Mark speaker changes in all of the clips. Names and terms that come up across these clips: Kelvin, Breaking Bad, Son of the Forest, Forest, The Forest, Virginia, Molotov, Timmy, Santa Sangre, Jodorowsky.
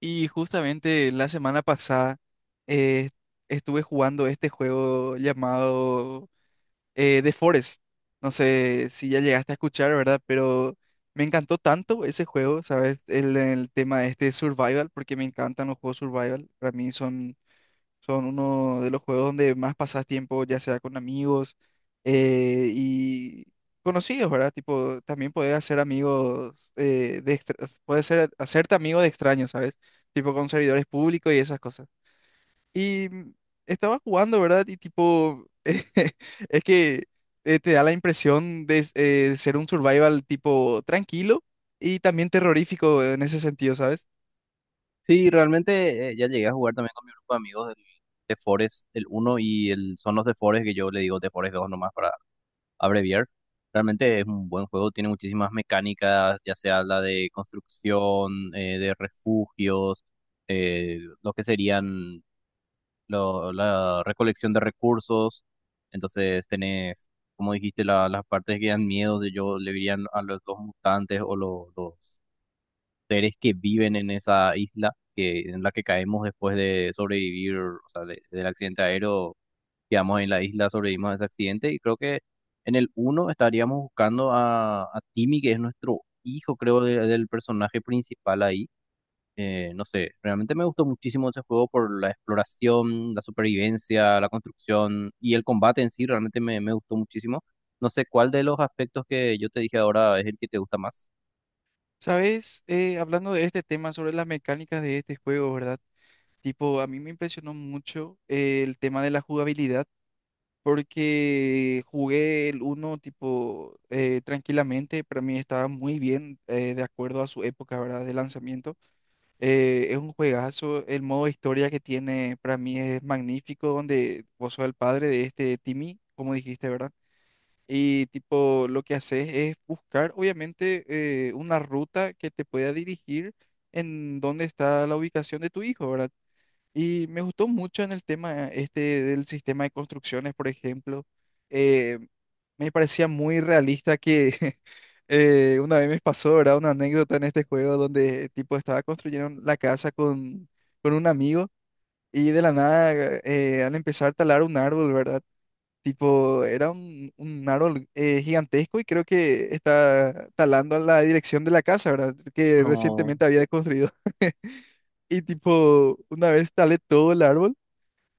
Speaker 1: Y justamente la semana pasada eh, estuve jugando este juego llamado The Forest. No sé si ya llegaste a escuchar, ¿verdad? Pero me encantó tanto ese juego, ¿sabes? El tema este de survival, porque me encantan los juegos survival. Para mí son uno de los juegos donde más pasas tiempo, ya sea con amigos y conocidos, ¿verdad? Tipo, también puedes hacer amigos, puedes ser, hacerte amigo de extraños, ¿sabes? Tipo con servidores públicos y esas cosas. Y estaba jugando, ¿verdad? Y tipo, es que te da la impresión de, de ser un survival tipo tranquilo y también terrorífico en ese sentido, ¿sabes?
Speaker 2: Sí, realmente ya llegué a jugar también con mi grupo de amigos de Forest, el uno y el, son los de Forest que yo le digo de Forest 2 nomás para abreviar. Realmente es un buen juego, tiene muchísimas mecánicas, ya sea la de construcción, de refugios, lo que serían la recolección de recursos. Entonces tenés, como dijiste, las partes que dan miedo, de yo le dirían a los mutantes o los seres que viven en esa isla que, en la que caemos después de sobrevivir, o sea, del accidente aéreo, quedamos en la isla, sobrevivimos a ese accidente y creo que en el uno estaríamos buscando a Timmy, que es nuestro hijo, creo, del personaje principal ahí. No sé, realmente me gustó muchísimo ese juego por la exploración, la supervivencia, la construcción y el combate en sí, realmente me gustó muchísimo. No sé cuál de los aspectos que yo te dije ahora es el que te gusta más.
Speaker 1: ¿Sabes? Hablando de este tema sobre las mecánicas de este juego, ¿verdad? Tipo, a mí me impresionó mucho el tema de la jugabilidad, porque jugué el uno tipo, tranquilamente, para mí estaba muy bien, de acuerdo a su época, ¿verdad?, de lanzamiento. Es un juegazo, el modo historia que tiene para mí es magnífico, donde vos sos el padre de este Timmy, como dijiste, ¿verdad? Y tipo, lo que haces es buscar, obviamente, una ruta que te pueda dirigir en dónde está la ubicación de tu hijo, ¿verdad? Y me gustó mucho en el tema este del sistema de construcciones, por ejemplo. Eh, Me parecía muy realista que una vez me pasó, ¿verdad? Una anécdota en este juego donde tipo estaba construyendo la casa con un amigo y de la nada al empezar a talar un árbol, ¿verdad? Tipo, era un árbol gigantesco y creo que está talando a la dirección de la casa, ¿verdad? Que
Speaker 2: No.
Speaker 1: recientemente había construido. Y tipo, una vez talé todo el árbol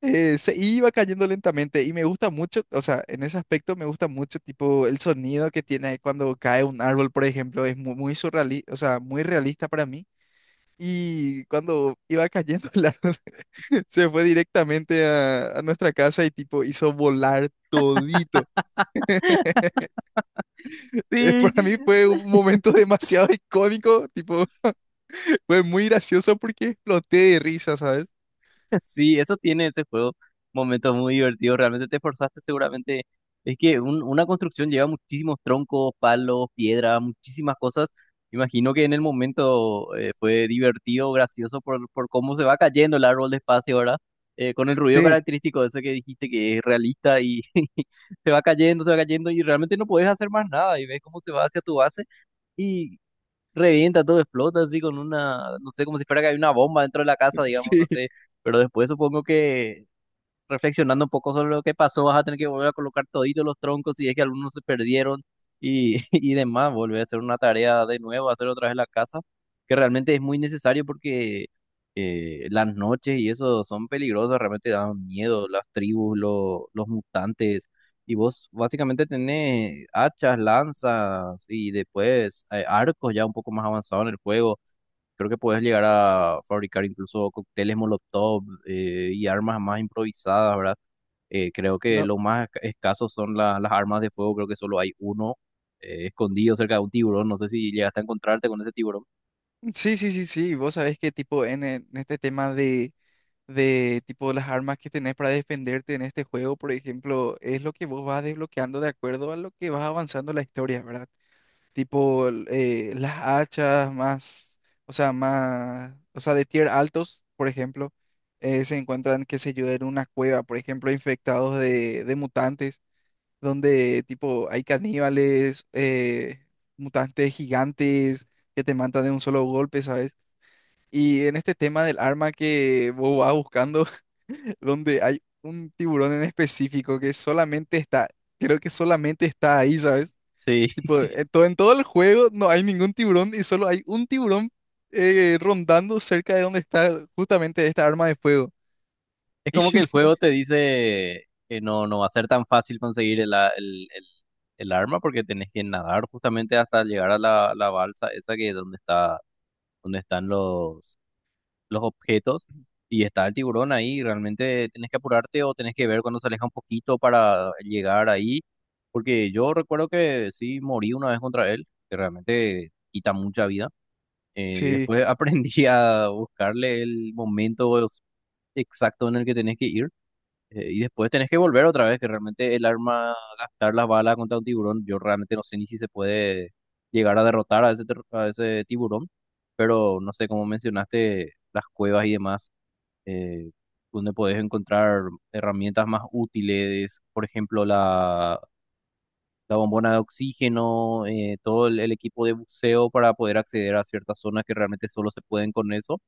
Speaker 1: se iba cayendo lentamente y me gusta mucho, o sea, en ese aspecto me gusta mucho tipo el sonido que tiene cuando cae un árbol, por ejemplo, es muy, muy surrealista, o sea, muy realista para mí. Y cuando iba cayendo el árbol, se fue directamente a nuestra casa y tipo hizo volar todito.
Speaker 2: Sí,
Speaker 1: Para mí fue un momento demasiado icónico, tipo, fue muy gracioso porque exploté de risa, ¿sabes?
Speaker 2: Sí, eso tiene ese juego, momentos muy divertidos, realmente te esforzaste seguramente. Es que una construcción lleva muchísimos troncos, palos, piedra, muchísimas cosas. Imagino que en el momento fue divertido, gracioso por cómo se va cayendo el árbol despacio ahora, con el ruido
Speaker 1: Sí,
Speaker 2: característico de ese que dijiste que es realista y se va cayendo y realmente no puedes hacer más nada y ves cómo se va hacia tu base revienta, todo explota así con una, no sé, como si fuera que hay una bomba dentro de la casa, digamos,
Speaker 1: sí,
Speaker 2: no sé, pero después supongo que reflexionando un poco sobre lo que pasó, vas a tener que volver a colocar toditos los troncos si es que algunos se perdieron y, y demás, volver a hacer una tarea de nuevo, hacer otra vez la casa, que realmente es muy necesario porque las noches y eso son peligrosas, realmente dan miedo las tribus, los mutantes, y vos básicamente tenés hachas, lanzas y después arcos ya un poco más avanzados en el juego. Creo que puedes llegar a fabricar incluso cócteles Molotov y armas más improvisadas, ¿verdad? Creo que
Speaker 1: no,
Speaker 2: lo más escaso son las armas de fuego, creo que solo hay uno escondido cerca de un tiburón, no sé si llegaste a encontrarte con ese tiburón.
Speaker 1: sí, sí, sí, sí, vos sabés que tipo en este tema de tipo las armas que tenés para defenderte en este juego, por ejemplo, es lo que vos vas desbloqueando de acuerdo a lo que vas avanzando en la historia, ¿verdad? Tipo las hachas más, o sea, de tier altos, por ejemplo, se encuentran, qué sé yo, en una cueva, por ejemplo, infectados de mutantes, donde tipo hay caníbales, mutantes gigantes que te matan de un solo golpe, ¿sabes? Y en este tema del arma que vos vas buscando, donde hay un tiburón en específico que solamente está, creo que solamente está ahí, ¿sabes?
Speaker 2: Sí,
Speaker 1: Tipo, sí. En todo, en todo el juego no hay ningún tiburón y solo hay un tiburón rondando cerca de donde está justamente esta arma de fuego.
Speaker 2: es como que el juego te dice que no, no va a ser tan fácil conseguir el el arma porque tenés que nadar justamente hasta llegar a la balsa esa que es donde está, donde están los objetos y está el tiburón ahí. Realmente tenés que apurarte o tenés que ver cuando se aleja un poquito para llegar ahí. Porque yo recuerdo que sí morí una vez contra él, que realmente quita mucha vida.
Speaker 1: Y
Speaker 2: Y
Speaker 1: sí,
Speaker 2: después aprendí a buscarle el momento exacto en el que tenés que ir. Y después tenés que volver otra vez, que realmente el arma, gastar las balas contra un tiburón, yo realmente no sé ni si se puede llegar a derrotar a ese tiburón, pero no sé, como mencionaste, las cuevas y demás, eh, donde podés encontrar herramientas más útiles, por ejemplo, la bombona de oxígeno, todo el equipo de buceo para poder acceder a ciertas zonas que realmente solo se pueden con eso.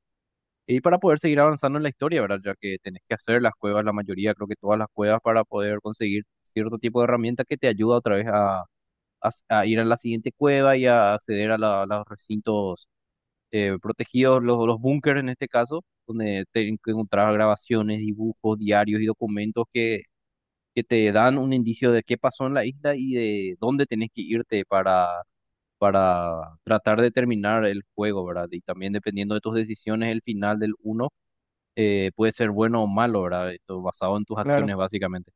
Speaker 2: Y para poder seguir avanzando en la historia, ¿verdad? Ya que tenés que hacer las cuevas, la mayoría, creo que todas las cuevas, para poder conseguir cierto tipo de herramienta que te ayuda otra vez a, a ir a la siguiente cueva y a acceder a a los recintos protegidos, los búnkers en este caso, donde te encontrás grabaciones, dibujos, diarios y documentos que te dan un indicio de qué pasó en la isla y de dónde tenés que irte para tratar de terminar el juego, ¿verdad? Y también dependiendo de tus decisiones, el final del uno puede ser bueno o malo, ¿verdad? Esto basado en tus
Speaker 1: claro.
Speaker 2: acciones, básicamente.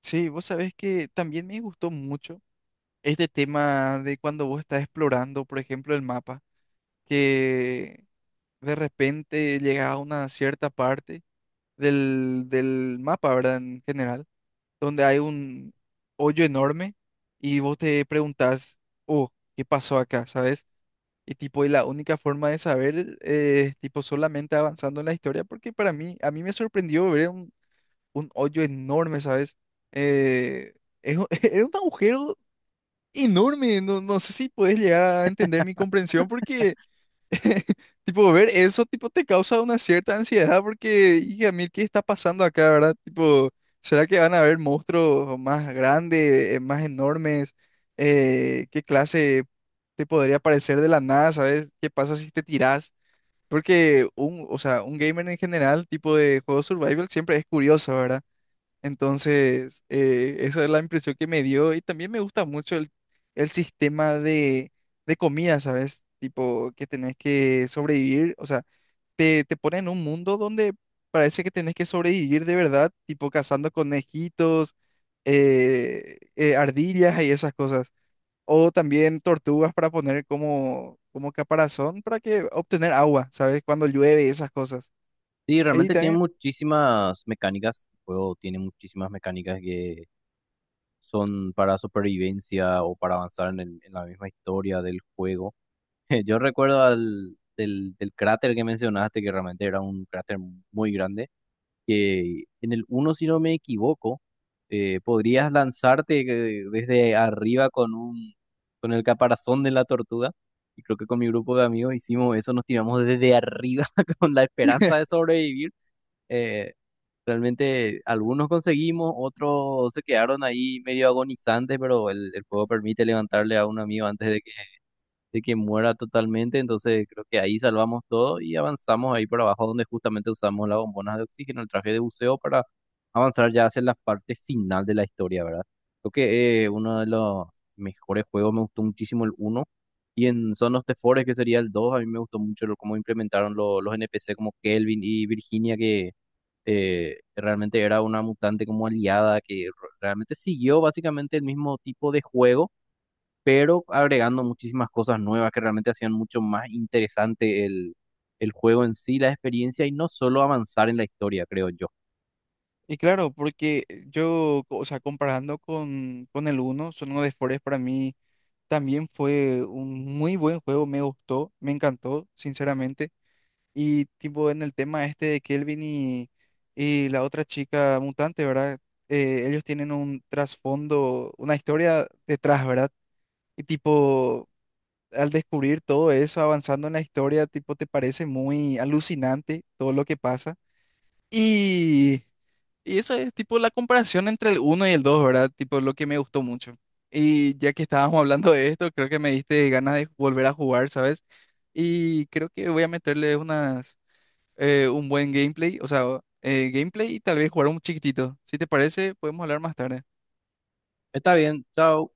Speaker 1: Sí, vos sabés que también me gustó mucho este tema de cuando vos estás explorando, por ejemplo, el mapa, que de repente llegas a una cierta parte del mapa, ¿verdad? En general donde hay un hoyo enorme y vos te preguntás, oh, ¿qué pasó acá? ¿Sabes? Y tipo, y la única forma de saber es tipo solamente avanzando en la historia, porque para mí, a mí me sorprendió ver un hoyo enorme, ¿sabes? Eh, es, era un agujero enorme, no, no sé si puedes llegar a entender mi comprensión porque Tipo, ver eso, tipo, te causa una cierta ansiedad porque, hija, mil, ¿qué está pasando acá, verdad? Tipo, ¿será que van a haber monstruos más grandes, más enormes? ¿Qué clase te podría aparecer de la nada, sabes? ¿Qué pasa si te tirás? Porque un, o sea, un gamer en general, tipo de juego survival, siempre es curioso, ¿verdad? Entonces, esa es la impresión que me dio y también me gusta mucho el sistema de comida, ¿sabes? Tipo, que tenés que sobrevivir, o sea, te ponen en un mundo donde parece que tenés que sobrevivir de verdad, tipo cazando conejitos, ardillas y esas cosas. O también tortugas para poner como, como caparazón para que obtener agua, ¿sabes? Cuando llueve y esas cosas.
Speaker 2: Sí,
Speaker 1: Y
Speaker 2: realmente tiene
Speaker 1: también,
Speaker 2: muchísimas mecánicas. El juego tiene muchísimas mecánicas que son para supervivencia o para avanzar en, en la misma historia del juego. Yo recuerdo del cráter que mencionaste, que realmente era un cráter muy grande que en el uno si no me equivoco, podrías lanzarte desde arriba con con el caparazón de la tortuga. Y creo que con mi grupo de amigos hicimos eso, nos tiramos desde arriba con la esperanza de sobrevivir. Eh, Realmente algunos conseguimos, otros se quedaron ahí medio agonizantes, pero el juego permite levantarle a un amigo antes de que muera totalmente, entonces creo que ahí salvamos todo y avanzamos ahí por abajo donde justamente usamos las bombonas de oxígeno, el traje de buceo para avanzar ya hacia la parte final de la historia, ¿verdad? Creo que uno de los mejores juegos, me gustó muchísimo el uno y en Son of the Forest, que sería el dos, a mí me gustó mucho cómo implementaron los NPC como Kelvin y Virginia que realmente era una mutante como aliada que realmente siguió básicamente el mismo tipo de juego pero agregando muchísimas cosas nuevas que realmente hacían mucho más interesante el juego en sí, la experiencia y no solo avanzar en la historia, creo yo.
Speaker 1: Y claro, porque yo, o sea, comparando con el 1, uno de Forest para mí también fue un muy buen juego, me gustó, me encantó, sinceramente. Y tipo en el tema este de Kelvin y la otra chica mutante, ¿verdad? Ellos tienen un trasfondo, una historia detrás, ¿verdad? Y tipo, al descubrir todo eso, avanzando en la historia, tipo, te parece muy alucinante todo lo que pasa. Y... Y eso es tipo la comparación entre el uno y el dos, ¿verdad? Tipo lo que me gustó mucho. Y ya que estábamos hablando de esto, creo que me diste ganas de volver a jugar, ¿sabes? Y creo que voy a meterle unas, un buen gameplay, o sea, gameplay y tal vez jugar un chiquitito. Si te parece, podemos hablar más tarde.
Speaker 2: Está bien, chao.